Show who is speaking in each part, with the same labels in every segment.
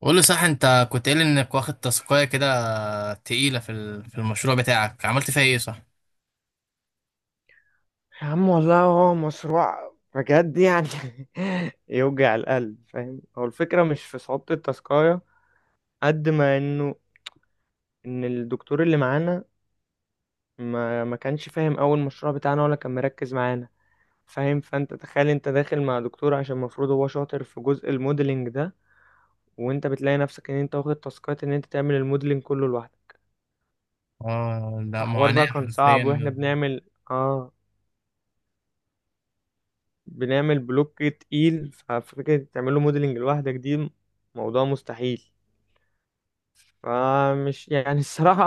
Speaker 1: قول لي صح، انت كنت قايل انك واخد تاسكايه كده تقيله في المشروع بتاعك، عملت فيها ايه؟ صح.
Speaker 2: يا عم، والله هو مشروع بجد يعني. يوجع القلب. فاهم؟ هو الفكرة مش في صعوبة التاسكاية قد ما انه ان الدكتور اللي معانا ما كانش فاهم اول مشروع بتاعنا ولا كان مركز معانا. فاهم؟ فانت تخيل، انت داخل مع دكتور عشان المفروض هو شاطر في جزء الموديلنج ده، وانت بتلاقي نفسك ان انت واخد تاسكات ان انت تعمل الموديلنج كله لوحدك.
Speaker 1: اه لا،
Speaker 2: فحوار
Speaker 1: معاناه
Speaker 2: بقى كان صعب. واحنا
Speaker 1: حرفيا.
Speaker 2: اه بنعمل بلوك تقيل، ففكرة تعمل له موديلنج لوحدك دي موضوع مستحيل. فمش يعني الصراحة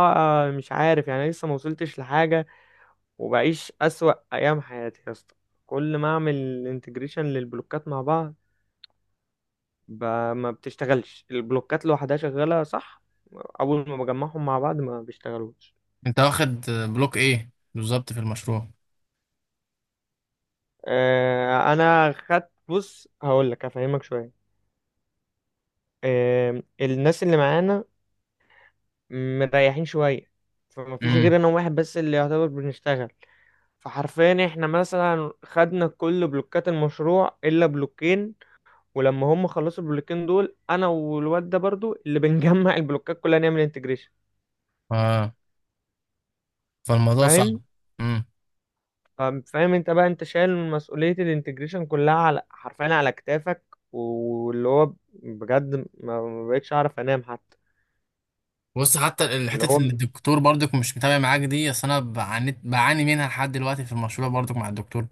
Speaker 2: مش عارف، يعني لسه ما وصلتش لحاجة، وبعيش أسوأ أيام حياتي يا اسطى. كل ما أعمل انتجريشن للبلوكات مع بعض ب... ما بتشتغلش. البلوكات لوحدها شغالة، صح. أول ما بجمعهم مع بعض ما بيشتغلوش.
Speaker 1: انت واخد بلوك ايه بالظبط في المشروع؟
Speaker 2: أنا خدت، بص هقول لك أفهمك شوية. الناس اللي معانا مريحين شوية، فما فيش
Speaker 1: امم.
Speaker 2: غير انا واحد بس اللي يعتبر بنشتغل. فحرفيا احنا مثلا خدنا كل بلوكات المشروع الا بلوكين، ولما هم خلصوا البلوكين دول انا والواد ده برضو اللي بنجمع البلوكات كلها نعمل انتجريشن.
Speaker 1: اه. فالموضوع صعب.
Speaker 2: فاهم،
Speaker 1: امم.
Speaker 2: فاهم، فاهم. انت بقى، انت شايل مسؤولية الانتجريشن كلها، على حرفيا على كتافك. واللي هو بجد ما بقتش اعرف انام حتى.
Speaker 1: بص،
Speaker 2: اللي
Speaker 1: حته
Speaker 2: هو
Speaker 1: ان الدكتور برضك مش متابع معاك دي، اصل انا بعاني منها لحد دلوقتي في المشروع برضك مع الدكتور.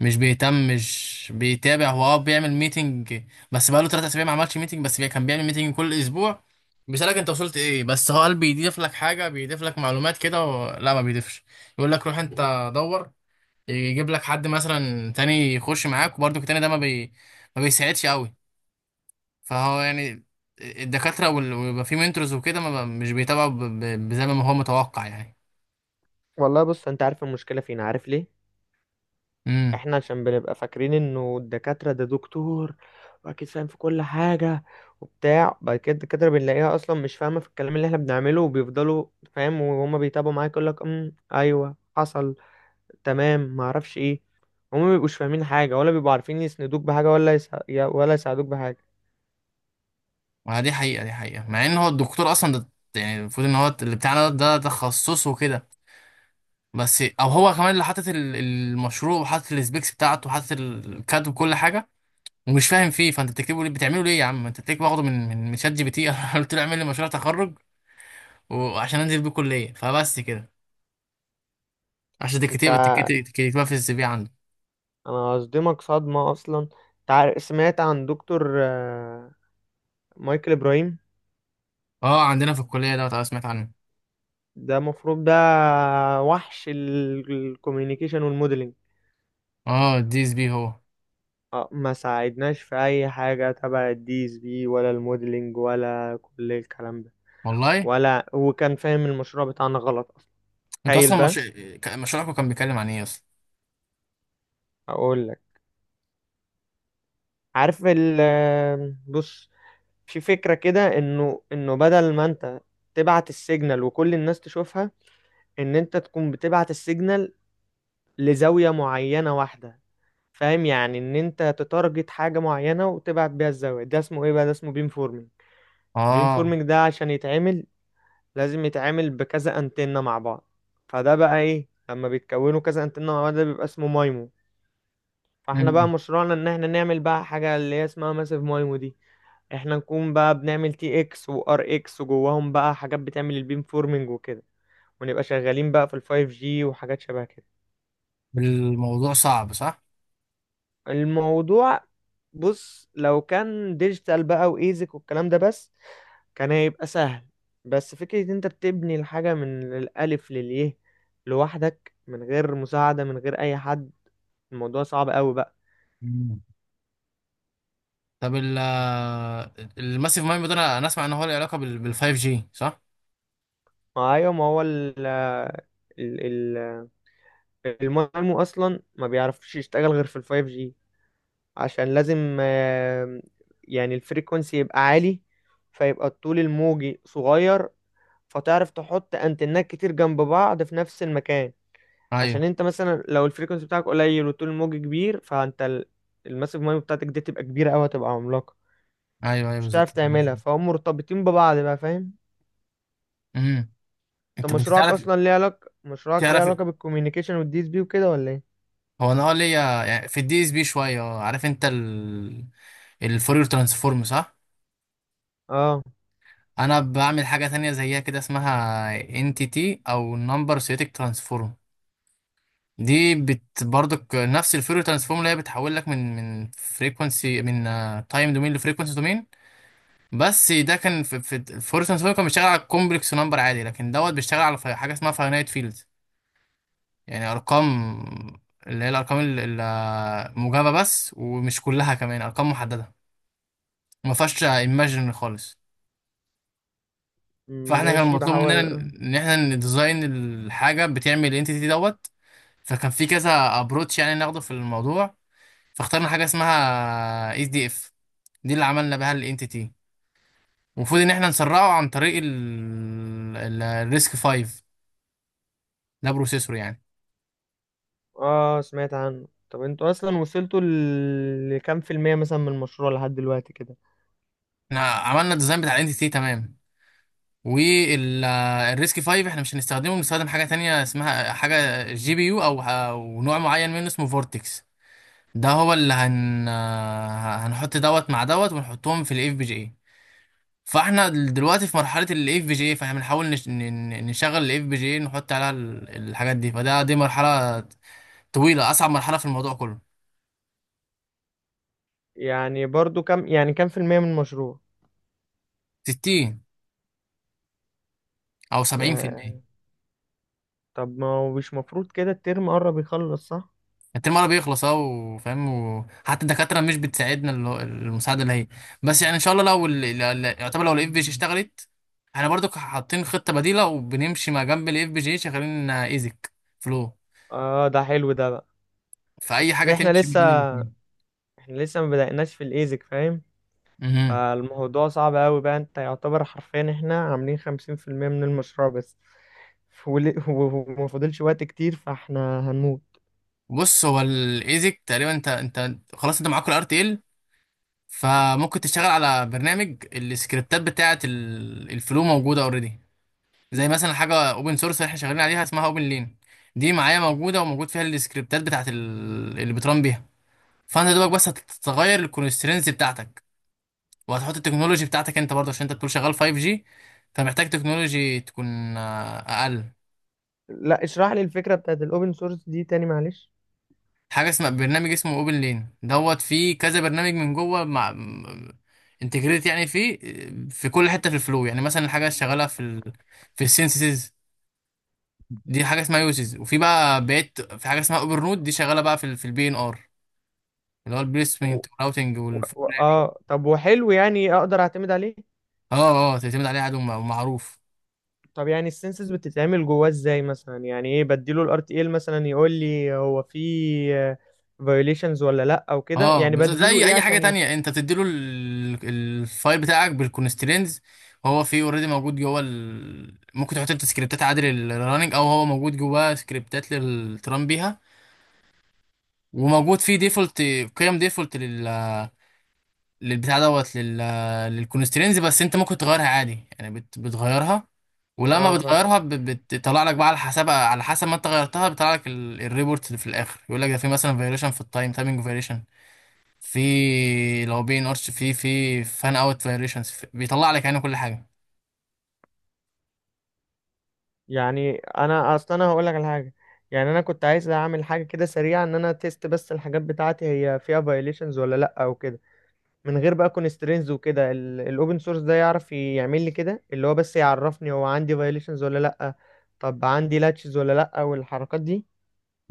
Speaker 1: مش بيهتم، مش بيتابع. هو اه بيعمل ميتنج، بس بقاله تلات اسابيع ما عملش ميتنج. بس كان بيعمل ميتنج كل اسبوع، بيسألك انت وصلت ايه. بس هو قال بيضيف لك حاجة، بيضيف لك معلومات كده لا، ما بيضيفش. يقول لك روح انت دور، يجيب لك حد مثلا تاني يخش معاك، وبرضه التاني ده ما بيساعدش قوي. فهو يعني الدكاترة ويبقى في منتورز وكده ما ب... مش بيتابعوا زي ما هو متوقع
Speaker 2: والله بص، انت عارف المشكلة فين؟ عارف ليه؟
Speaker 1: يعني.
Speaker 2: احنا عشان بنبقى فاكرين انه الدكاترة ده دكتور واكيد فاهم في كل حاجة وبتاع، بعد كده الدكاترة بنلاقيها اصلا مش فاهمة في الكلام اللي احنا بنعمله، وبيفضلوا فاهم، وهما بيتابعوا معاك يقول لك ايوه حصل، تمام، ما اعرفش ايه. هما ما بيبقوش فاهمين حاجة، ولا بيبقوا عارفين يسندوك بحاجة، ولا يساعدوك بحاجة.
Speaker 1: ما دي حقيقة، دي حقيقة، مع ان هو الدكتور اصلا ده يعني المفروض ان هو اللي بتاعنا ده تخصصه وكده. بس او هو كمان اللي حاطط المشروع وحاطط السبيكس بتاعته وحاطط الكاد وكل حاجة، ومش فاهم فيه. فانت بتكتبه ليه، بتعمله ليه يا عم؟ انت بتكتب واخده من شات جي بي تي. أنا قلت له اعمل لي مشروع تخرج وعشان انزل بيه كلية، فبس كده. عشان
Speaker 2: انت
Speaker 1: تكتبها في السي في عنده.
Speaker 2: انا هصدمك صدمة. اصلا انت سمعت عن دكتور مايكل ابراهيم؟
Speaker 1: اه، عندنا في الكلية ده، أنا سمعت عنه.
Speaker 2: ده المفروض ده وحش الكوميونيكيشن والموديلنج.
Speaker 1: اه الدي اس بي هو.
Speaker 2: ما ساعدناش في اي حاجه تبع الDSP ولا الموديلنج ولا كل الكلام ده.
Speaker 1: والله.
Speaker 2: ولا هو كان فاهم المشروع بتاعنا غلط اصلا.
Speaker 1: انتوا
Speaker 2: تخيل
Speaker 1: اصلا
Speaker 2: بقى.
Speaker 1: مش... مشروعكم كان بيتكلم عن ايه اصلا؟
Speaker 2: اقول لك، عارف ال آه، بص، في فكره كده انه بدل ما انت تبعت السيجنال وكل الناس تشوفها، ان انت تكون بتبعت السيجنال لزاويه معينه واحده. فاهم؟ يعني ان انت تتارجت حاجه معينه وتبعت بيها الزاويه. ده اسمه ايه بقى؟ ده اسمه بيم فورمينج. بيم
Speaker 1: اه.
Speaker 2: فورمينج ده عشان يتعمل لازم يتعامل بكذا انتنة مع بعض. فده بقى ايه لما بيتكونوا كذا انتنة مع بعض؟ ده بيبقى اسمه مايمو. فاحنا بقى مشروعنا ان احنا نعمل بقى حاجة اللي هي اسمها ماسيف مايمو دي. احنا نكون بقى بنعمل TX وRX، وجواهم بقى حاجات بتعمل البيم فورمينج وكده، ونبقى شغالين بقى في ال5G وحاجات شبه كده.
Speaker 1: الموضوع صعب صح؟
Speaker 2: الموضوع بص، لو كان ديجيتال بقى وايزك والكلام ده بس، كان هيبقى سهل. بس فكرة إن انت بتبني الحاجة من الألف لليه لوحدك، من غير مساعدة، من غير أي حد، الموضوع صعب أوي بقى.
Speaker 1: مم. طب الماسيف مايند ده، انا اسمع ان هو له علاقه بال 5 جي صح؟
Speaker 2: ما أيوة، ما هو ال ال- المعلم أصلا ما بيعرفش يشتغل غير في ال5G. عشان لازم يعني الفريكونسي يبقى عالي، فيبقى الطول الموجي صغير، فتعرف تحط أنتنات كتير جنب بعض في نفس المكان.
Speaker 1: ايوه.
Speaker 2: عشان انت مثلا لو الفريكونسي بتاعك قليل وطول الموج كبير، فانت الماسيف مايند بتاعتك دي تبقى كبيره قوي، هتبقى عملاقه.
Speaker 1: ايوه
Speaker 2: مش
Speaker 1: بالظبط.
Speaker 2: هتعرف تعملها. فهم مرتبطين ببعض بقى، فاهم.
Speaker 1: امم.
Speaker 2: انت
Speaker 1: انت تعرف،
Speaker 2: مشروعك ليه
Speaker 1: تعرف،
Speaker 2: علاقه بالكوميونيكيشن والدي اس بي وكده ولا ايه؟
Speaker 1: هو انا اه ليا يعني في الدي اس بي شويه. عارف انت الفورير ترانسفورم صح؟
Speaker 2: اه،
Speaker 1: انا بعمل حاجه تانية زيها كده، اسمها انتيتي او نمبر سيتيك ترانسفورم. دي بت برضك نفس الفورير ترانسفورم اللي هي بتحول لك من فريكونسي، من تايم دومين لفريكونسي دومين. بس ده كان في فورس سوبر، كان بيشتغل على كومبلكس نمبر عادي، لكن دوت بيشتغل على حاجه اسمها فاينايت فيلد، يعني ارقام، اللي هي الارقام الموجبه بس، ومش كلها، كمان ارقام محدده، ما فيهاش ايماجن خالص. فاحنا كان
Speaker 2: ماشي،
Speaker 1: مطلوب مننا
Speaker 2: بحاول.
Speaker 1: ان احنا نديزاين الحاجه بتعمل الانتيتي دوت. فكان في كذا ابروتش يعني ناخده في الموضوع، فاخترنا حاجه اسمها اس دي اف. دي اللي عملنا بها الانتيتي. المفروض ان احنا نسرعه عن طريق الريسك 5. ده بروسيسور يعني.
Speaker 2: اه، سمعت عنه. طب انتوا اصلا وصلتوا لكام في المية مثلا من المشروع لحد دلوقتي كده؟
Speaker 1: احنا عملنا الديزاين بتاع الانتيتي تمام، والريسك 5 احنا مش هنستخدمه، بنستخدم حاجه تانية اسمها حاجه جي بي يو او أو نوع معين منه اسمه فورتكس. ده هو اللي هن آه، هنحط دوت مع دوت ونحطهم في الاف بي جي اي. فاحنا دلوقتي في مرحله الاف بي جي اي، فاحنا بنحاول نشغل الاف بي جي اي، نحط عليها الحاجات دي. فده دي مرحله طويله، اصعب مرحله في الموضوع كله.
Speaker 2: يعني برضو كام؟ يعني كام في المية من المشروع؟
Speaker 1: 60 او 70%.
Speaker 2: آه. طب ما هو مش مفروض كده الترم قرب يخلص، صح؟
Speaker 1: الترم الأول بيخلص اه وفاهم، وحتى الدكاترة مش بتساعدنا، المساعدة اللي هي. بس يعني إن شاء الله لو يعتبر لو الإف بي جي اشتغلت، احنا برضو حاطين خطة بديلة وبنمشي ما جنب الإف بي جي شغالين إيزك، فلو
Speaker 2: اه، ده حلو ده بقى.
Speaker 1: فأي
Speaker 2: اصل
Speaker 1: حاجة
Speaker 2: احنا
Speaker 1: تمشي ما
Speaker 2: لسه
Speaker 1: بين الاتنين.
Speaker 2: احنا لسه ما بدأناش في الايزك، فاهم.
Speaker 1: مهم.
Speaker 2: فالموضوع صعب قوي بقى. انت يعتبر حرفيا احنا عاملين 50% من المشروع بس، وما فاضلش وقت كتير، فاحنا هنموت.
Speaker 1: بص هو الإيزك تقريبا، أنت خلاص أنت معاك الار تي ال، فممكن تشتغل على برنامج السكريبتات بتاعة الفلو موجودة أوريدي. زي مثلا حاجه اوبن سورس احنا شغالين عليها اسمها اوبن لين. دي معايا موجوده، وموجود فيها السكريبتات بتاعت اللي بترن بيها. فانت دوبك بس هتغير الكونسترينز بتاعتك، وهتحط التكنولوجي بتاعتك انت برضه، عشان انت بتقول شغال 5G، فمحتاج تكنولوجي تكون اقل.
Speaker 2: لا، اشرح لي الفكرة بتاعت الاوبن سورس دي تاني، معلش.
Speaker 1: حاجه اسمها برنامج اسمه اوبن لين دوت، فيه كذا برنامج من جوه مع انتجريت يعني. فيه في كل حته في الفلو يعني. مثلا الحاجه شغاله في السينسز، دي حاجه اسمها يوزز. وفي بقى بقيت في حاجه اسمها اوبر نود، دي شغاله بقى في في البي ان ار، اللي هو
Speaker 2: و...
Speaker 1: البليسمنت والراوتنج والفلاننج.
Speaker 2: اه، طب وحلو. يعني اقدر اعتمد عليه؟
Speaker 1: اه. اه تعتمد عليه، عدو معروف.
Speaker 2: طب يعني السنسز بتتعمل جواه ازاي مثلا؟ يعني ايه بديله؟ الRTL مثلا يقول لي هو في فيوليشنز ولا لا او كده؟
Speaker 1: اه
Speaker 2: يعني بديله
Speaker 1: زي
Speaker 2: ايه
Speaker 1: اي حاجه
Speaker 2: عشان
Speaker 1: تانية، انت بتديله الفايل بتاعك بالكونسترينز. هو فيه اوريدي موجود ممكن تحط انت سكريبتات عادي للرننج، او هو موجود جواه سكريبتات للتران بيها. وموجود فيه ديفولت، قيم ديفولت للبتاع دوت للكونسترينز. بس انت ممكن تغيرها عادي يعني بتغيرها. ولما
Speaker 2: اه.
Speaker 1: بتغيرها بتطلع لك بقى على حسب، على حسب ما انت غيرتها، بيطلع لك الريبورت اللي في الاخر يقول لك ده في مثلا فيريشن في التايم، تايمينج فيريشن، في لو بي ان ارش، في فان اوت فيريشنز، بيطلع لك يعني كل حاجه.
Speaker 2: يعني انا هقول لك على حاجه. يعني انا كنت عايز اعمل حاجه كده سريعه، ان انا تيست بس الحاجات بتاعتي هي فيها فايليشنز ولا لا او كده، من غير بقى كونسترينز وكده. الاوبن سورس ده يعرف يعمل لي كده اللي هو بس يعرفني هو عندي فايليشنز ولا لا؟ طب عندي لاتشز ولا لا والحركات دي؟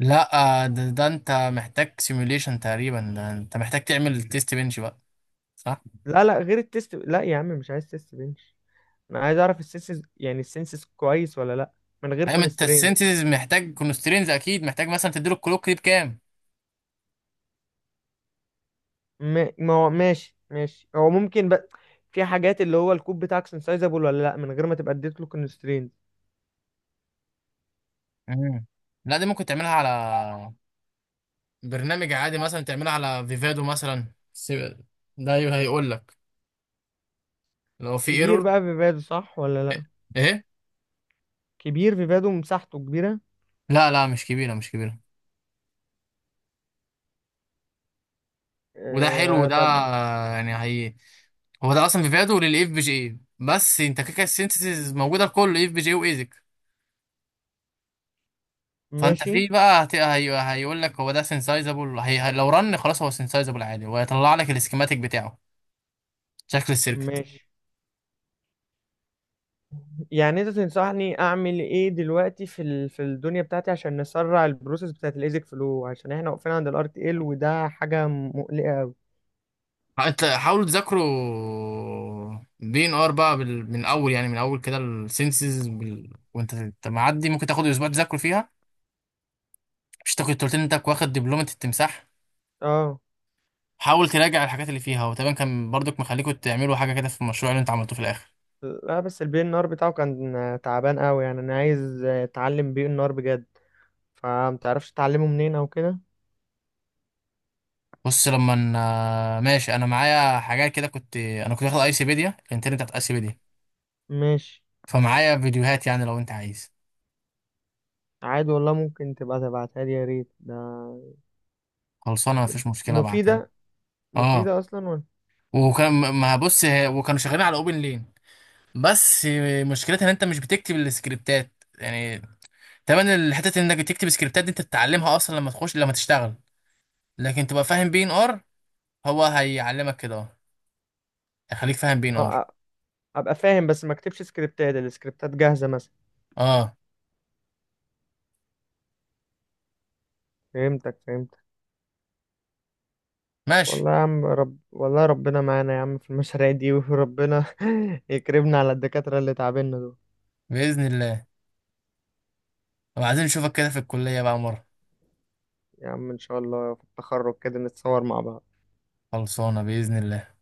Speaker 1: لا ده انت محتاج سيموليشن تقريبا، ده انت محتاج تعمل تيست بنش بقى صح؟
Speaker 2: لا، لا غير التيست. لا يا عم، مش عايز تيست بنش. انا عايز اعرف السنسز، يعني السنسز كويس ولا لا من غير
Speaker 1: ايوه، ما انت
Speaker 2: كونسترينز.
Speaker 1: السينثيسيس محتاج كونسترينز اكيد، محتاج مثلا تديله الكلوك دي بكام.
Speaker 2: ما هو ماشي ماشي، هو ممكن بقى في حاجات اللي هو الكوب بتاعك سنسايزابل ولا لا من غير ما تبقى اديت له كونسترينت؟
Speaker 1: مم. لا دي ممكن تعملها على برنامج عادي، مثلا تعملها على فيفادو مثلا، ده هيقول لك لو في
Speaker 2: كبير
Speaker 1: ايرور.
Speaker 2: بقى فيفادو، صح ولا لا؟
Speaker 1: ايه.
Speaker 2: كبير فيفادو، مساحته كبيرة؟
Speaker 1: لا لا، مش كبيره، مش كبيره. وده حلو،
Speaker 2: آه،
Speaker 1: وده
Speaker 2: طب
Speaker 1: يعني هي هو ده اصلا فيفادو للاف بي جي إيه. بس انت كده كده السينثيسيز موجوده لكل اف بي جي وايزك. فانت
Speaker 2: ماشي
Speaker 1: في بقى هيقول لك هو ده سينسايزابل. لو رن خلاص هو سينسايزابل عادي، وهيطلع لك السكيماتيك بتاعه، شكل السيركت.
Speaker 2: ماشي. يعني انت تنصحني اعمل ايه دلوقتي في الدنيا بتاعتي عشان نسرع البروسيس بتاعت الايزك فلو، عشان احنا واقفين عند الRTL وده حاجة مقلقة قوي.
Speaker 1: انت حاولوا تذاكروا دي ان ار بقى من اول، يعني من اول كده السنسز وانت انت معدي، ممكن تاخد اسبوع تذاكروا فيها. مش انت كنت قلت لي انت واخد دبلومه التمساح؟
Speaker 2: اه.
Speaker 1: حاول تراجع الحاجات اللي فيها، وتقريبا كان برضك مخليكوا تعملوا حاجه كده في المشروع اللي انت عملته في الاخر.
Speaker 2: لا، بس الPnR بتاعه كان تعبان قوي، يعني انا عايز اتعلم PnR بجد. فمتعرفش تعلمه منين او كده؟
Speaker 1: بص ماشي، انا معايا حاجات كده. كنت واخد ايسيبيديا، الانترنت بتاعت ايسيبيديا،
Speaker 2: ماشي.
Speaker 1: فمعايا فيديوهات. يعني لو انت عايز،
Speaker 2: عادي والله، ممكن تبقى تبعتها لي يا ريت ده.
Speaker 1: خلصانه، مفيش مشكله ابعتها لك.
Speaker 2: مفيدة،
Speaker 1: اه.
Speaker 2: مفيدة اصلا ولا؟
Speaker 1: وكان ما بص، وكانوا شغالين على اوبن لين. بس مشكلتها ان انت مش بتكتب السكريبتات يعني. تمام الحتة انك تكتب سكريبتات دي انت تتعلمها اصلا لما تخش، لما تشتغل. لكن تبقى فاهم بي ان ار. هو هيعلمك كده، اه هيخليك فاهم بي ان ار.
Speaker 2: اه، ابقى فاهم بس ما اكتبش سكريبتات. السكريبتات جاهزة مثلا.
Speaker 1: اه.
Speaker 2: فهمتك، فهمتك.
Speaker 1: ماشي.
Speaker 2: والله يا عم، والله ربنا معانا يا عم في المشاريع دي، وربنا يكرمنا على الدكاترة اللي تعبنا دول.
Speaker 1: باذن الله. وعايزين نشوفك كده في الكلية بقى مرة.
Speaker 2: يا عم ان شاء الله في التخرج كده نتصور مع بعض.
Speaker 1: خلصانة باذن الله.